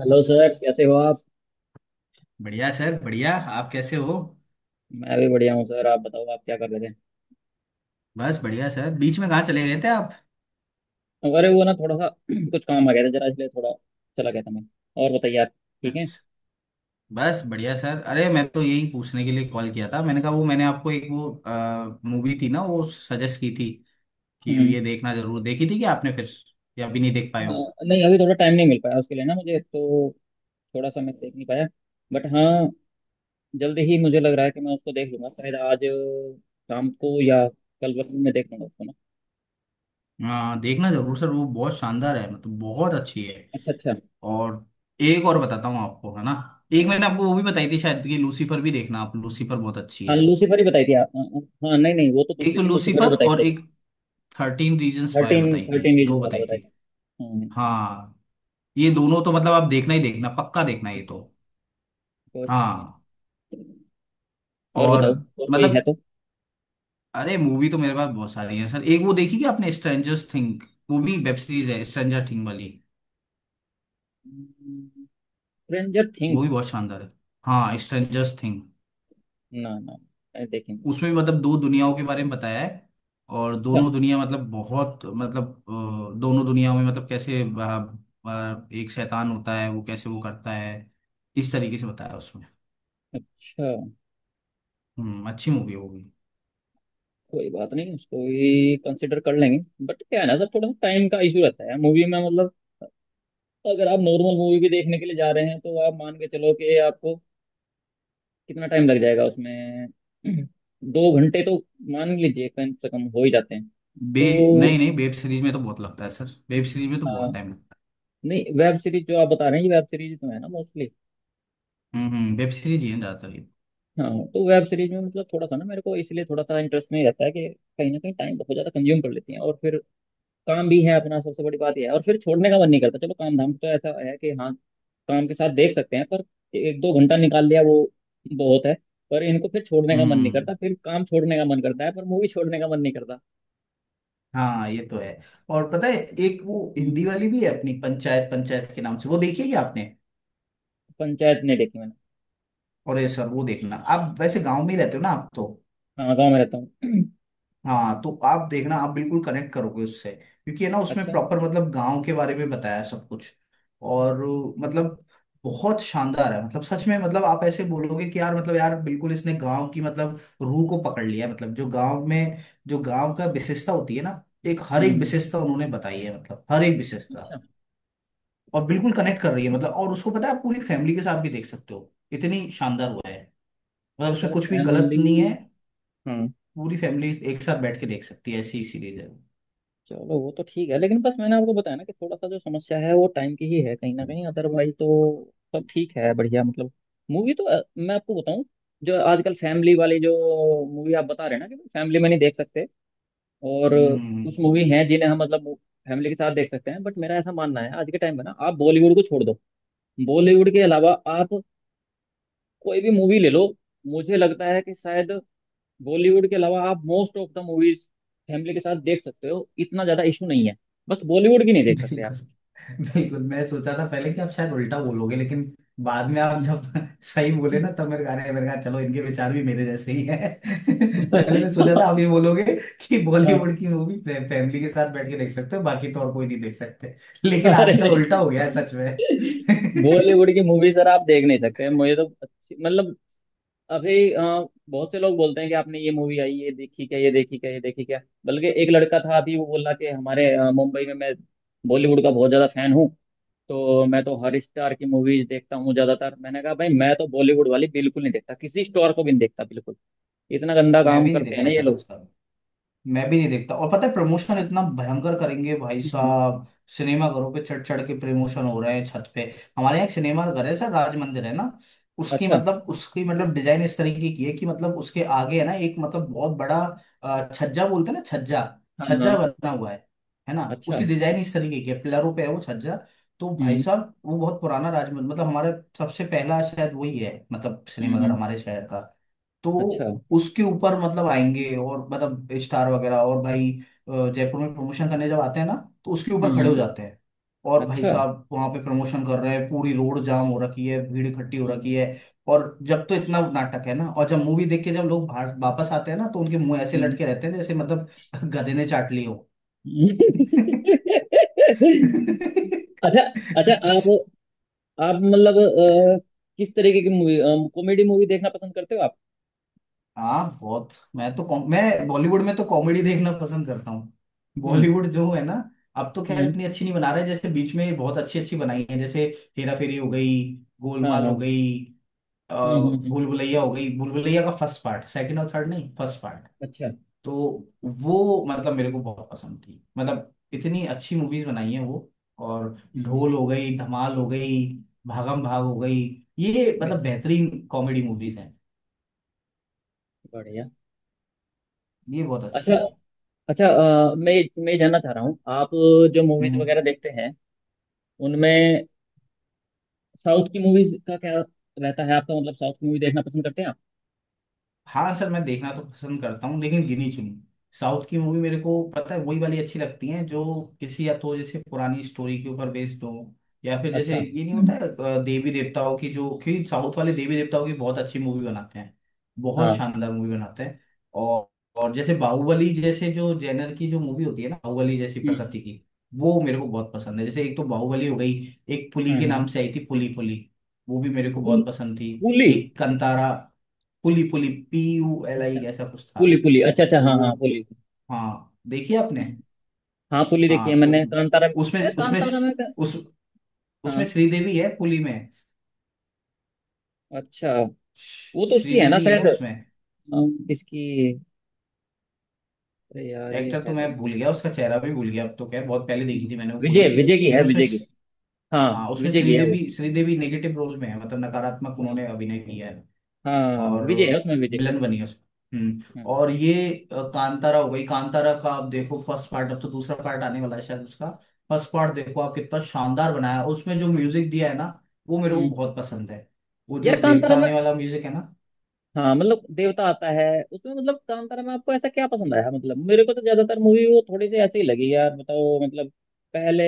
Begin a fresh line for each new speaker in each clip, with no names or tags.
Hello sir, कैसे हो आप।
बढ़िया सर, बढ़िया। आप कैसे हो?
मैं भी बढ़िया हूँ सर। आप बताओ, आप क्या कर रहे थे।
बस बढ़िया सर। बीच में कहाँ चले गए थे आप?
अरे वो ना थोड़ा सा कुछ काम आ गया था जरा, इसलिए थोड़ा चला गया था मैं। और बताइए आप। ठीक है।
अच्छा। बस बढ़िया सर, अरे मैं तो यही पूछने के लिए कॉल किया था। मैंने कहा वो मैंने आपको एक वो मूवी थी ना, वो सजेस्ट की थी कि
हम्म।
ये देखना जरूर। देखी थी कि आपने फिर या अभी नहीं देख पाए हो?
हाँ, नहीं अभी थोड़ा टाइम नहीं मिल पाया उसके लिए ना मुझे तो। थोड़ा सा मैं देख नहीं पाया। बट हाँ, जल्दी ही मुझे लग रहा है कि मैं उसको देख लूंगा। शायद आज शाम को या कल वक्त में देख लूंगा उसको ना।
हाँ, देखना जरूर सर। वो बहुत शानदार है, मतलब बहुत अच्छी है।
अच्छा अच्छा।
और एक और बताता हूँ आपको, है ना। एक
हम्म।
मैंने आपको वो भी बताई थी शायद कि लूसीफर भी देखना आप। लूसीफर बहुत अच्छी
हाँ
है।
लूसीफर ही बताई थी आप। हाँ, नहीं नहीं वो तो
एक
दूसरी
तो
थी, लूसीफर ही
लूसीफर
बताई थी
और
लेकिन।
एक 13 Reasons Why
थर्टीन
बताई थी।
थर्टीन
दो
रीजन वाला
बताई
बताया
थी
था। हम्म, हम्म, हम्म।
हाँ। ये दोनों तो मतलब आप देखना ही देखना, पक्का देखना ये
अच्छा।
तो।
कोई बात नहीं।
हाँ।
और
और
बताओ, और कोई है
मतलब,
तो।
अरे मूवी तो मेरे पास बहुत सारी है सर। एक वो देखी क्या आपने, स्ट्रेंजर्स थिंग? वो भी वेब सीरीज है, स्ट्रेंजर थिंग वाली।
स्ट्रेंजर
वो
थिंग्स।
भी बहुत शानदार है। हाँ, स्ट्रेंजर्स थिंग।
ना ना, अरे देखेंगे।
उसमें भी मतलब दो दुनियाओं के बारे में बताया है। और
अच्छा
दोनों दुनिया मतलब बहुत मतलब दोनों दुनियाओं में मतलब कैसे एक शैतान होता है, वो कैसे वो करता है, इस तरीके से बताया है उसमें।
अच्छा।
हम्म, अच्छी मूवी है वो भी।
कोई बात नहीं, उसको भी कंसिडर कर लेंगे। बट क्या है ना सर, थोड़ा सा टाइम का इशू रहता है मूवी में मतलब। अगर आप नॉर्मल मूवी भी देखने के लिए जा रहे हैं तो आप मान के चलो कि आपको कितना टाइम लग जाएगा उसमें। दो घंटे तो मान लीजिए कम से कम हो ही जाते हैं।
बे नहीं
तो
नहीं, वेब सीरीज में तो बहुत लगता है सर। वेब सीरीज में तो बहुत
हाँ,
टाइम लगता
नहीं वेब सीरीज जो आप बता रहे हैं ये वेब सीरीज तो है ना मोस्टली।
है। हम्म, वेब सीरीज ही है ज्यादातर ये।
हाँ, तो वेब सीरीज में मतलब थोड़ा सा ना मेरे को इसलिए थोड़ा सा इंटरेस्ट नहीं रहता है कि कहीं ना कहीं टाइम बहुत ज्यादा कंज्यूम कर लेती हैं। और फिर काम भी है अपना, सबसे बड़ी बात यह है। और फिर छोड़ने का मन नहीं करता। चलो, काम धाम तो ऐसा है कि हाँ, काम के साथ देख सकते हैं, पर एक दो घंटा निकाल लिया वो बहुत है। पर इनको फिर छोड़ने का मन नहीं
हम्म।
करता। फिर काम छोड़ने का मन करता है पर मूवी छोड़ने का मन नहीं करता।
हाँ, ये तो है। और पता है, एक वो
हम्म,
हिंदी वाली भी है अपनी, पंचायत। पंचायत के नाम से, वो देखी है क्या आपने?
पंचायत नहीं देखी मैंने।
और ये सर वो देखना आप। वैसे गांव में ही रहते हो ना आप तो।
हाँ गाँव में रहता हूँ।
हाँ तो आप देखना, आप बिल्कुल कनेक्ट करोगे उससे। क्योंकि है ना, उसमें
अच्छा।
प्रॉपर मतलब गांव के बारे में बताया है सब कुछ। और मतलब बहुत शानदार है। मतलब सच में, मतलब आप ऐसे बोलोगे कि यार मतलब यार बिल्कुल इसने गांव की मतलब रूह को पकड़ लिया है। मतलब जो गांव में, जो गांव का विशेषता होती है ना, एक हर एक
हम्म।
विशेषता उन्होंने बताई है। मतलब हर एक विशेषता,
अच्छा
और बिल्कुल कनेक्ट कर रही है मतलब। और उसको पता है, आप पूरी फैमिली के साथ भी देख सकते हो, इतनी शानदार हुआ है। मतलब उसमें
सर,
कुछ भी गलत
फैमिली,
नहीं है।
हाँ।
पूरी फैमिली एक साथ बैठ के देख सकती है, ऐसी सीरीज है।
चलो वो तो ठीक है, लेकिन बस मैंने आपको बताया ना कि थोड़ा सा जो समस्या है वो टाइम की ही है कहीं ना कहीं। अदरवाइज तो सब ठीक है, बढ़िया मतलब। मूवी तो मैं आपको बताऊं, जो आजकल फैमिली वाली जो मूवी आप बता रहे हैं ना कि फैमिली में नहीं देख सकते। और
हम्म।
कुछ मूवी हैं जिन्हें हम मतलब फैमिली के साथ देख सकते हैं। बट मेरा ऐसा मानना है आज के टाइम में ना, आप बॉलीवुड को छोड़ दो, बॉलीवुड के अलावा आप कोई भी मूवी ले लो, मुझे लगता है कि शायद बॉलीवुड के अलावा आप most of the movies family के साथ देख सकते हो, इतना ज्यादा इशू नहीं है। बस बॉलीवुड की नहीं देख सकते आप।
बिल्कुल, बिल्कुल मैं सोचा था पहले कि आप शायद उल्टा बोलोगे, लेकिन बाद में आप जब सही बोले ना, तब मेरे गाने मेरे कहा चलो, इनके विचार भी मेरे जैसे ही है। पहले मैं सोचा था आप ये बोलोगे कि बॉलीवुड की मूवी फैमिली के साथ बैठ के देख सकते हो, बाकी तो और कोई नहीं देख सकते। लेकिन
अरे
आजकल उल्टा
नहीं,
हो गया है सच में।
बॉलीवुड की मूवी सर आप देख नहीं सकते। मुझे तो अच्छी मतलब, अभी बहुत से लोग बोलते हैं कि आपने ये मूवी आई, ये देखी क्या, ये देखी क्या, ये देखी क्या। बल्कि एक लड़का था अभी वो बोला कि हमारे मुंबई में मैं बॉलीवुड का बहुत ज्यादा फैन हूँ, तो मैं तो हर स्टार की मूवीज देखता हूँ ज्यादातर। मैंने कहा भाई, मैं तो बॉलीवुड वाली बिल्कुल नहीं देखता, किसी स्टार को भी नहीं देखता बिल्कुल। इतना गंदा
मैं
काम
भी नहीं
करते हैं ना
देखता
ये
सर
लोग।
आजकल। मैं भी नहीं देखता। और पता है, प्रमोशन इतना भयंकर करेंगे भाई
हम्म।
साहब। सिनेमा घरों पे चढ़ चढ़ के प्रमोशन हो रहे हैं, छत पे। हमारे यहाँ एक सिनेमा घर है सर, राज मंदिर है ना।
अच्छा।
उसकी मतलब डिजाइन इस तरीके की है कि मतलब उसके आगे है ना एक मतलब बहुत बड़ा छज्जा बोलते हैं ना, छज्जा।
हाँ
छज्जा
हाँ।
बना हुआ है ना।
अच्छा।
उसकी डिजाइन इस तरीके की है, पिलरों पे है वो छज्जा। तो भाई
हम्म
साहब वो बहुत पुराना राज मंदिर, मतलब हमारा सबसे पहला शायद वही है, मतलब
हम्म
सिनेमाघर
हम्म,
हमारे शहर का। तो
अच्छा।
उसके ऊपर मतलब आएंगे, और मतलब स्टार वगैरह, और भाई जयपुर में प्रमोशन करने जब आते हैं ना, तो उसके ऊपर
हम्म
खड़े हो
हम्म,
जाते हैं। और भाई
अच्छा।
साहब वहां पे प्रमोशन कर रहे हैं, पूरी रोड जाम हो रखी है, भीड़ इकट्ठी हो रखी
हम्म
है। और जब तो इतना नाटक है ना, और जब मूवी देख के जब लोग बाहर वापस आते हैं ना, तो उनके मुंह ऐसे
हम्म,
लटके रहते हैं जैसे मतलब गधे ने चाट ली हो।
हम्म। अच्छा अच्छा। आप आप मतलब किस तरीके की मूवी, कॉमेडी मूवी देखना पसंद करते हो आप।
हाँ बहुत। मैं तो मैं बॉलीवुड में तो कॉमेडी देखना पसंद करता हूँ।
हम्म
बॉलीवुड जो है ना, अब तो खैर
हम्म।
इतनी अच्छी नहीं बना रहे, जैसे बीच में बहुत अच्छी अच्छी बनाई है, जैसे हेरा फेरी हो गई,
हाँ
गोलमाल
हाँ।
हो गई, अ,
हम्म हम्म हम्म।
भूल भुलैया हो गई। भूल भुलैया का फर्स्ट पार्ट, सेकंड और थर्ड नहीं, फर्स्ट पार्ट।
अच्छा।
तो वो मतलब मेरे को बहुत पसंद थी, मतलब इतनी अच्छी मूवीज बनाई है वो। और
हम्म हम्म।
ढोल हो गई, धमाल हो गई, भागम भाग हो गई। ये मतलब
बिल्कुल।
बेहतरीन कॉमेडी मूवीज हैं।
बढ़िया।
ये बहुत अच्छी
अच्छा
है।
अच्छा। मैं ये जानना चाह रहा हूँ, आप जो मूवीज
हम्म, हम्म।
वगैरह देखते हैं उनमें साउथ की मूवीज का क्या रहता है आपका, मतलब साउथ की मूवी देखना पसंद करते हैं आप।
हाँ सर, मैं देखना तो पसंद करता हूँ लेकिन गिनी चुनी। साउथ की मूवी मेरे को पता है वही वाली अच्छी लगती है, जो किसी या तो जैसे पुरानी स्टोरी के ऊपर बेस्ड हो, या फिर जैसे
अच्छा
ये नहीं होता है देवी देवताओं की जो, क्योंकि साउथ वाले देवी देवताओं की बहुत अच्छी मूवी बनाते हैं, बहुत
हाँ।
शानदार मूवी बनाते हैं। और और जैसे बाहुबली, जैसे जो जेनर की जो मूवी होती है ना, बाहुबली जैसी
हम्म
प्रकृति की, वो मेरे को बहुत पसंद है। जैसे एक तो बाहुबली हो गई, एक पुली के
हम्म
नाम से
हम्म।
आई थी, पुली पुली। वो भी मेरे को
पुल,
बहुत पसंद थी।
पुली।
एक कंतारा। पुली, पुली PULI,
अच्छा,
ऐसा कुछ था।
पुली पुली। अच्छा अच्छा,
तो
हाँ
वो,
हाँ पुली।
हाँ देखिए आपने।
हम्म। हाँ पुली देखी है
हाँ तो
मैंने, कांतारा। यार
उसमें, उसमें
कांतारा में का-,
उस उसमें
हाँ,
श्रीदेवी है पुली में।
अच्छा, वो तो उसकी है ना
श्रीदेवी है
शायद,
उसमें।
इसकी, अरे यार ये
एक्टर तो
है तो,
मैं भूल गया, उसका चेहरा भी भूल गया, अब तो खैर बहुत पहले देखी थी मैंने वो पुली।
विजय, विजय की है,
लेकिन उसमें
विजय की। हाँ
हाँ उसमें
विजय की है वो।
श्रीदेवी श्रीदेवी नेगेटिव रोल में है, मतलब नकारात्मक
हाँ।
उन्होंने अभिनय किया है।
हाँ
और
विजय है उसमें, विजय।
विलन बनी है उसमें। हम्म।
हम्म।
और ये कांतारा हो गई। कांतारा का आप देखो फर्स्ट पार्ट, अब तो दूसरा पार्ट आने वाला है शायद उसका। फर्स्ट पार्ट देखो आप, कितना शानदार बनाया है। उसमें जो म्यूजिक दिया है ना, वो मेरे को
हम्म।
बहुत पसंद है। वो
यार
जो
कांतारा
देवता
में,
आने वाला म्यूजिक है ना,
हाँ मतलब देवता आता है उसमें, मतलब कांतारा में आपको ऐसा क्या पसंद आया मतलब। मेरे को तो ज्यादातर मूवी वो थोड़ी सी ऐसे ही लगी यार। बताओ मतलब, पहले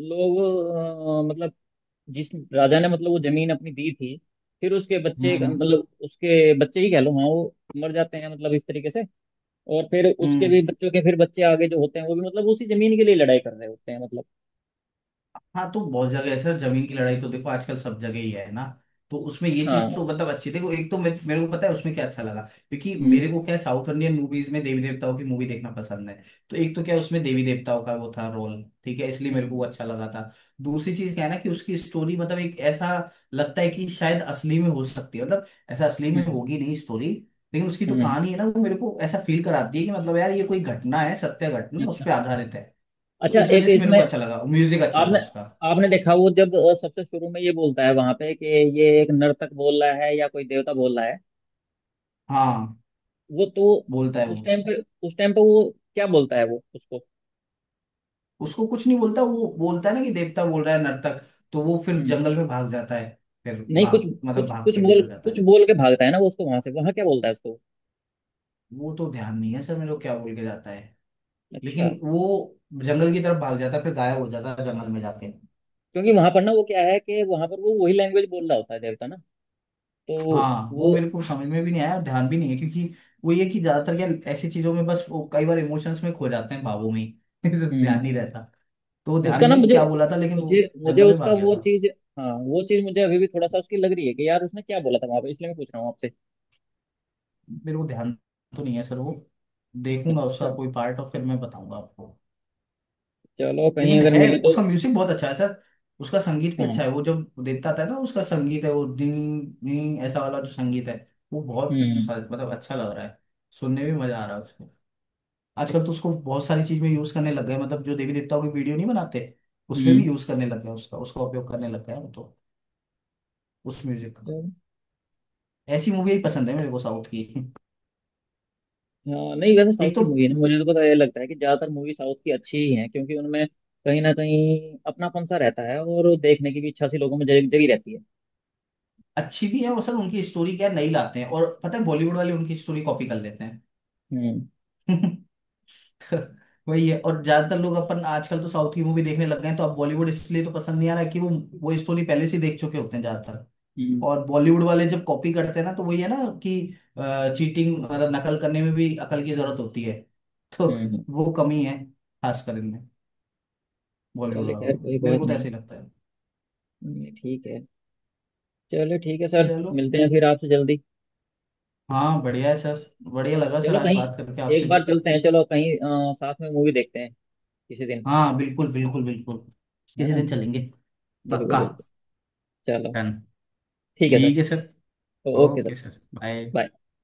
लोग मतलब जिस राजा ने मतलब वो जमीन अपनी दी थी, फिर उसके बच्चे
हम्म
मतलब उसके बच्चे ही कह लो, हाँ, वो मर जाते हैं मतलब इस तरीके से। और फिर उसके
हम्म।
भी बच्चों के फिर बच्चे आगे जो होते हैं वो भी मतलब उसी जमीन के लिए लड़ाई कर रहे होते हैं मतलब।
हाँ तो बहुत जगह है सर, जमीन की लड़ाई तो देखो आजकल सब जगह ही है ना। तो उसमें ये
हाँ।
चीज तो मतलब अच्छी, देखो एक तो मेरे को पता है उसमें क्या अच्छा लगा, क्योंकि
हम्म
मेरे को क्या, साउथ इंडियन मूवीज में देवी देवताओं की मूवी देखना पसंद है। तो एक तो क्या, उसमें देवी देवताओं का वो था रोल, ठीक है, इसलिए मेरे को वो
हम्म
अच्छा लगा था। दूसरी चीज क्या है ना, कि उसकी स्टोरी मतलब एक ऐसा लगता है कि शायद असली में हो सकती है। मतलब ऐसा असली में
हम्म
होगी नहीं स्टोरी, लेकिन उसकी जो
हम्म।
कहानी है ना, वो मेरे को ऐसा फील कराती है कि मतलब यार, ये कोई घटना है, सत्य घटना उस
अच्छा।
पर आधारित है। तो
अच्छा
इस वजह
एक
से मेरे
इसमें,
को अच्छा लगा, म्यूजिक अच्छा था
आपने,
उसका।
आपने देखा वो जब सबसे शुरू में ये बोलता है वहां पे कि ये एक नर्तक बोल रहा है या कोई देवता बोल रहा है।
हाँ,
वो तो
बोलता है
उस
वो।
टाइम पे, उस टाइम पे वो क्या बोलता है वो उसको।
उसको कुछ नहीं बोलता। वो बोलता है ना कि देवता बोल रहा है नर्तक, तो वो फिर
हम्म।
जंगल में भाग जाता है। फिर
नहीं कुछ,
भाग, मतलब
कुछ
भाग
कुछ
के
बोल,
निकल जाता
कुछ
है।
बोल के भागता है ना वो उसको वहां से, वहां क्या बोलता है उसको।
वो तो ध्यान नहीं है सर मेरे को क्या बोल के जाता है,
अच्छा,
लेकिन वो जंगल की तरफ भाग जाता है, फिर गायब हो जाता है जंगल में जाके।
क्योंकि वहां पर ना वो क्या है कि वहां पर वो वही लैंग्वेज बोल रहा होता है देवता ना, तो
हाँ वो
वो।
मेरे को समझ में भी नहीं आया, और ध्यान भी नहीं है, क्योंकि वो ये कि ज्यादातर क्या ऐसी चीजों में बस, वो कई बार इमोशंस में खो जाते हैं, भावों में ही। ध्यान
हम्म।
नहीं रहता। तो वो ध्यान
उसका ना
नहीं कि
मुझे,
क्या बोला था, लेकिन
मुझे
वो
मुझे
जंगल में
उसका
भाग गया
वो
था।
चीज, हाँ वो चीज मुझे अभी भी थोड़ा सा उसकी लग रही है कि यार उसने क्या बोला था वहां पे, इसलिए मैं पूछ रहा हूँ आपसे।
मेरे को ध्यान तो नहीं है सर वो, देखूंगा उसका
अच्छा,
कोई पार्ट और फिर मैं बताऊंगा आपको।
चलो कहीं
लेकिन
अगर
है,
मिले तो।
उसका म्यूजिक बहुत अच्छा है सर। उसका संगीत भी
हाँ।
अच्छा है। वो जब देवता आता है ना, उसका संगीत है वो डिंग डिंग ऐसा वाला जो संगीत है, वो बहुत
हम्म
मतलब अच्छा लग रहा है, सुनने में मजा आ रहा है उसको। आजकल तो उसको बहुत सारी चीज में यूज करने लग गए, मतलब जो देवी देवताओं की वीडियो नहीं बनाते, उसमें भी
हम्म।
यूज करने लग गए। उसका उसका उपयोग करने लग गए हैं वो तो, उस म्यूजिक का।
चलो।
ऐसी मूवी ही पसंद है मेरे को साउथ की।
हाँ नहीं वैसे साउथ
एक
की
तो
मूवी है ना, मुझे तो पता ये लगता है कि ज़्यादातर मूवी साउथ की अच्छी ही हैं क्योंकि उनमें कहीं ना कहीं अपनापन सा रहता है और देखने की भी इच्छा सी लोगों में जग जगी रहती है।
अच्छी भी है वो सर, उनकी स्टोरी क्या नई लाते हैं। और पता है, बॉलीवुड वाले उनकी स्टोरी कॉपी कर लेते हैं।
हम्म।
तो वही है। और ज्यादातर लोग अपन आजकल तो साउथ की मूवी देखने लग गए हैं, तो अब बॉलीवुड इसलिए तो पसंद नहीं आ रहा कि वो स्टोरी पहले से देख चुके होते हैं ज्यादातर।
हम्म।
और बॉलीवुड वाले जब कॉपी करते हैं ना, तो वही है ना कि चीटिंग मतलब नकल करने में भी अकल की जरूरत होती है। तो
हम्म।
वो कमी है, खासकर इनमें, बॉलीवुड
चले खैर
वालों में
कोई
मेरे
बात
को तो
नहीं।
ऐसे ही लगता है।
ठीक है। चलो ठीक है सर,
चलो।
मिलते हैं फिर आपसे जल्दी।
हाँ, बढ़िया है सर, बढ़िया लगा सर
चलो
आज
कहीं
बात करके आपसे
एक बार
भी।
चलते हैं, चलो कहीं साथ में मूवी देखते हैं किसी दिन।
हाँ बिल्कुल बिल्कुल बिल्कुल,
है
किसी
ना,
दिन चलेंगे।
बिल्कुल
पक्का।
बिल्कुल। चलो,
डन।
ठीक है सर।
ठीक है sir.
Okay sir,
okay sir, bye.
Bye.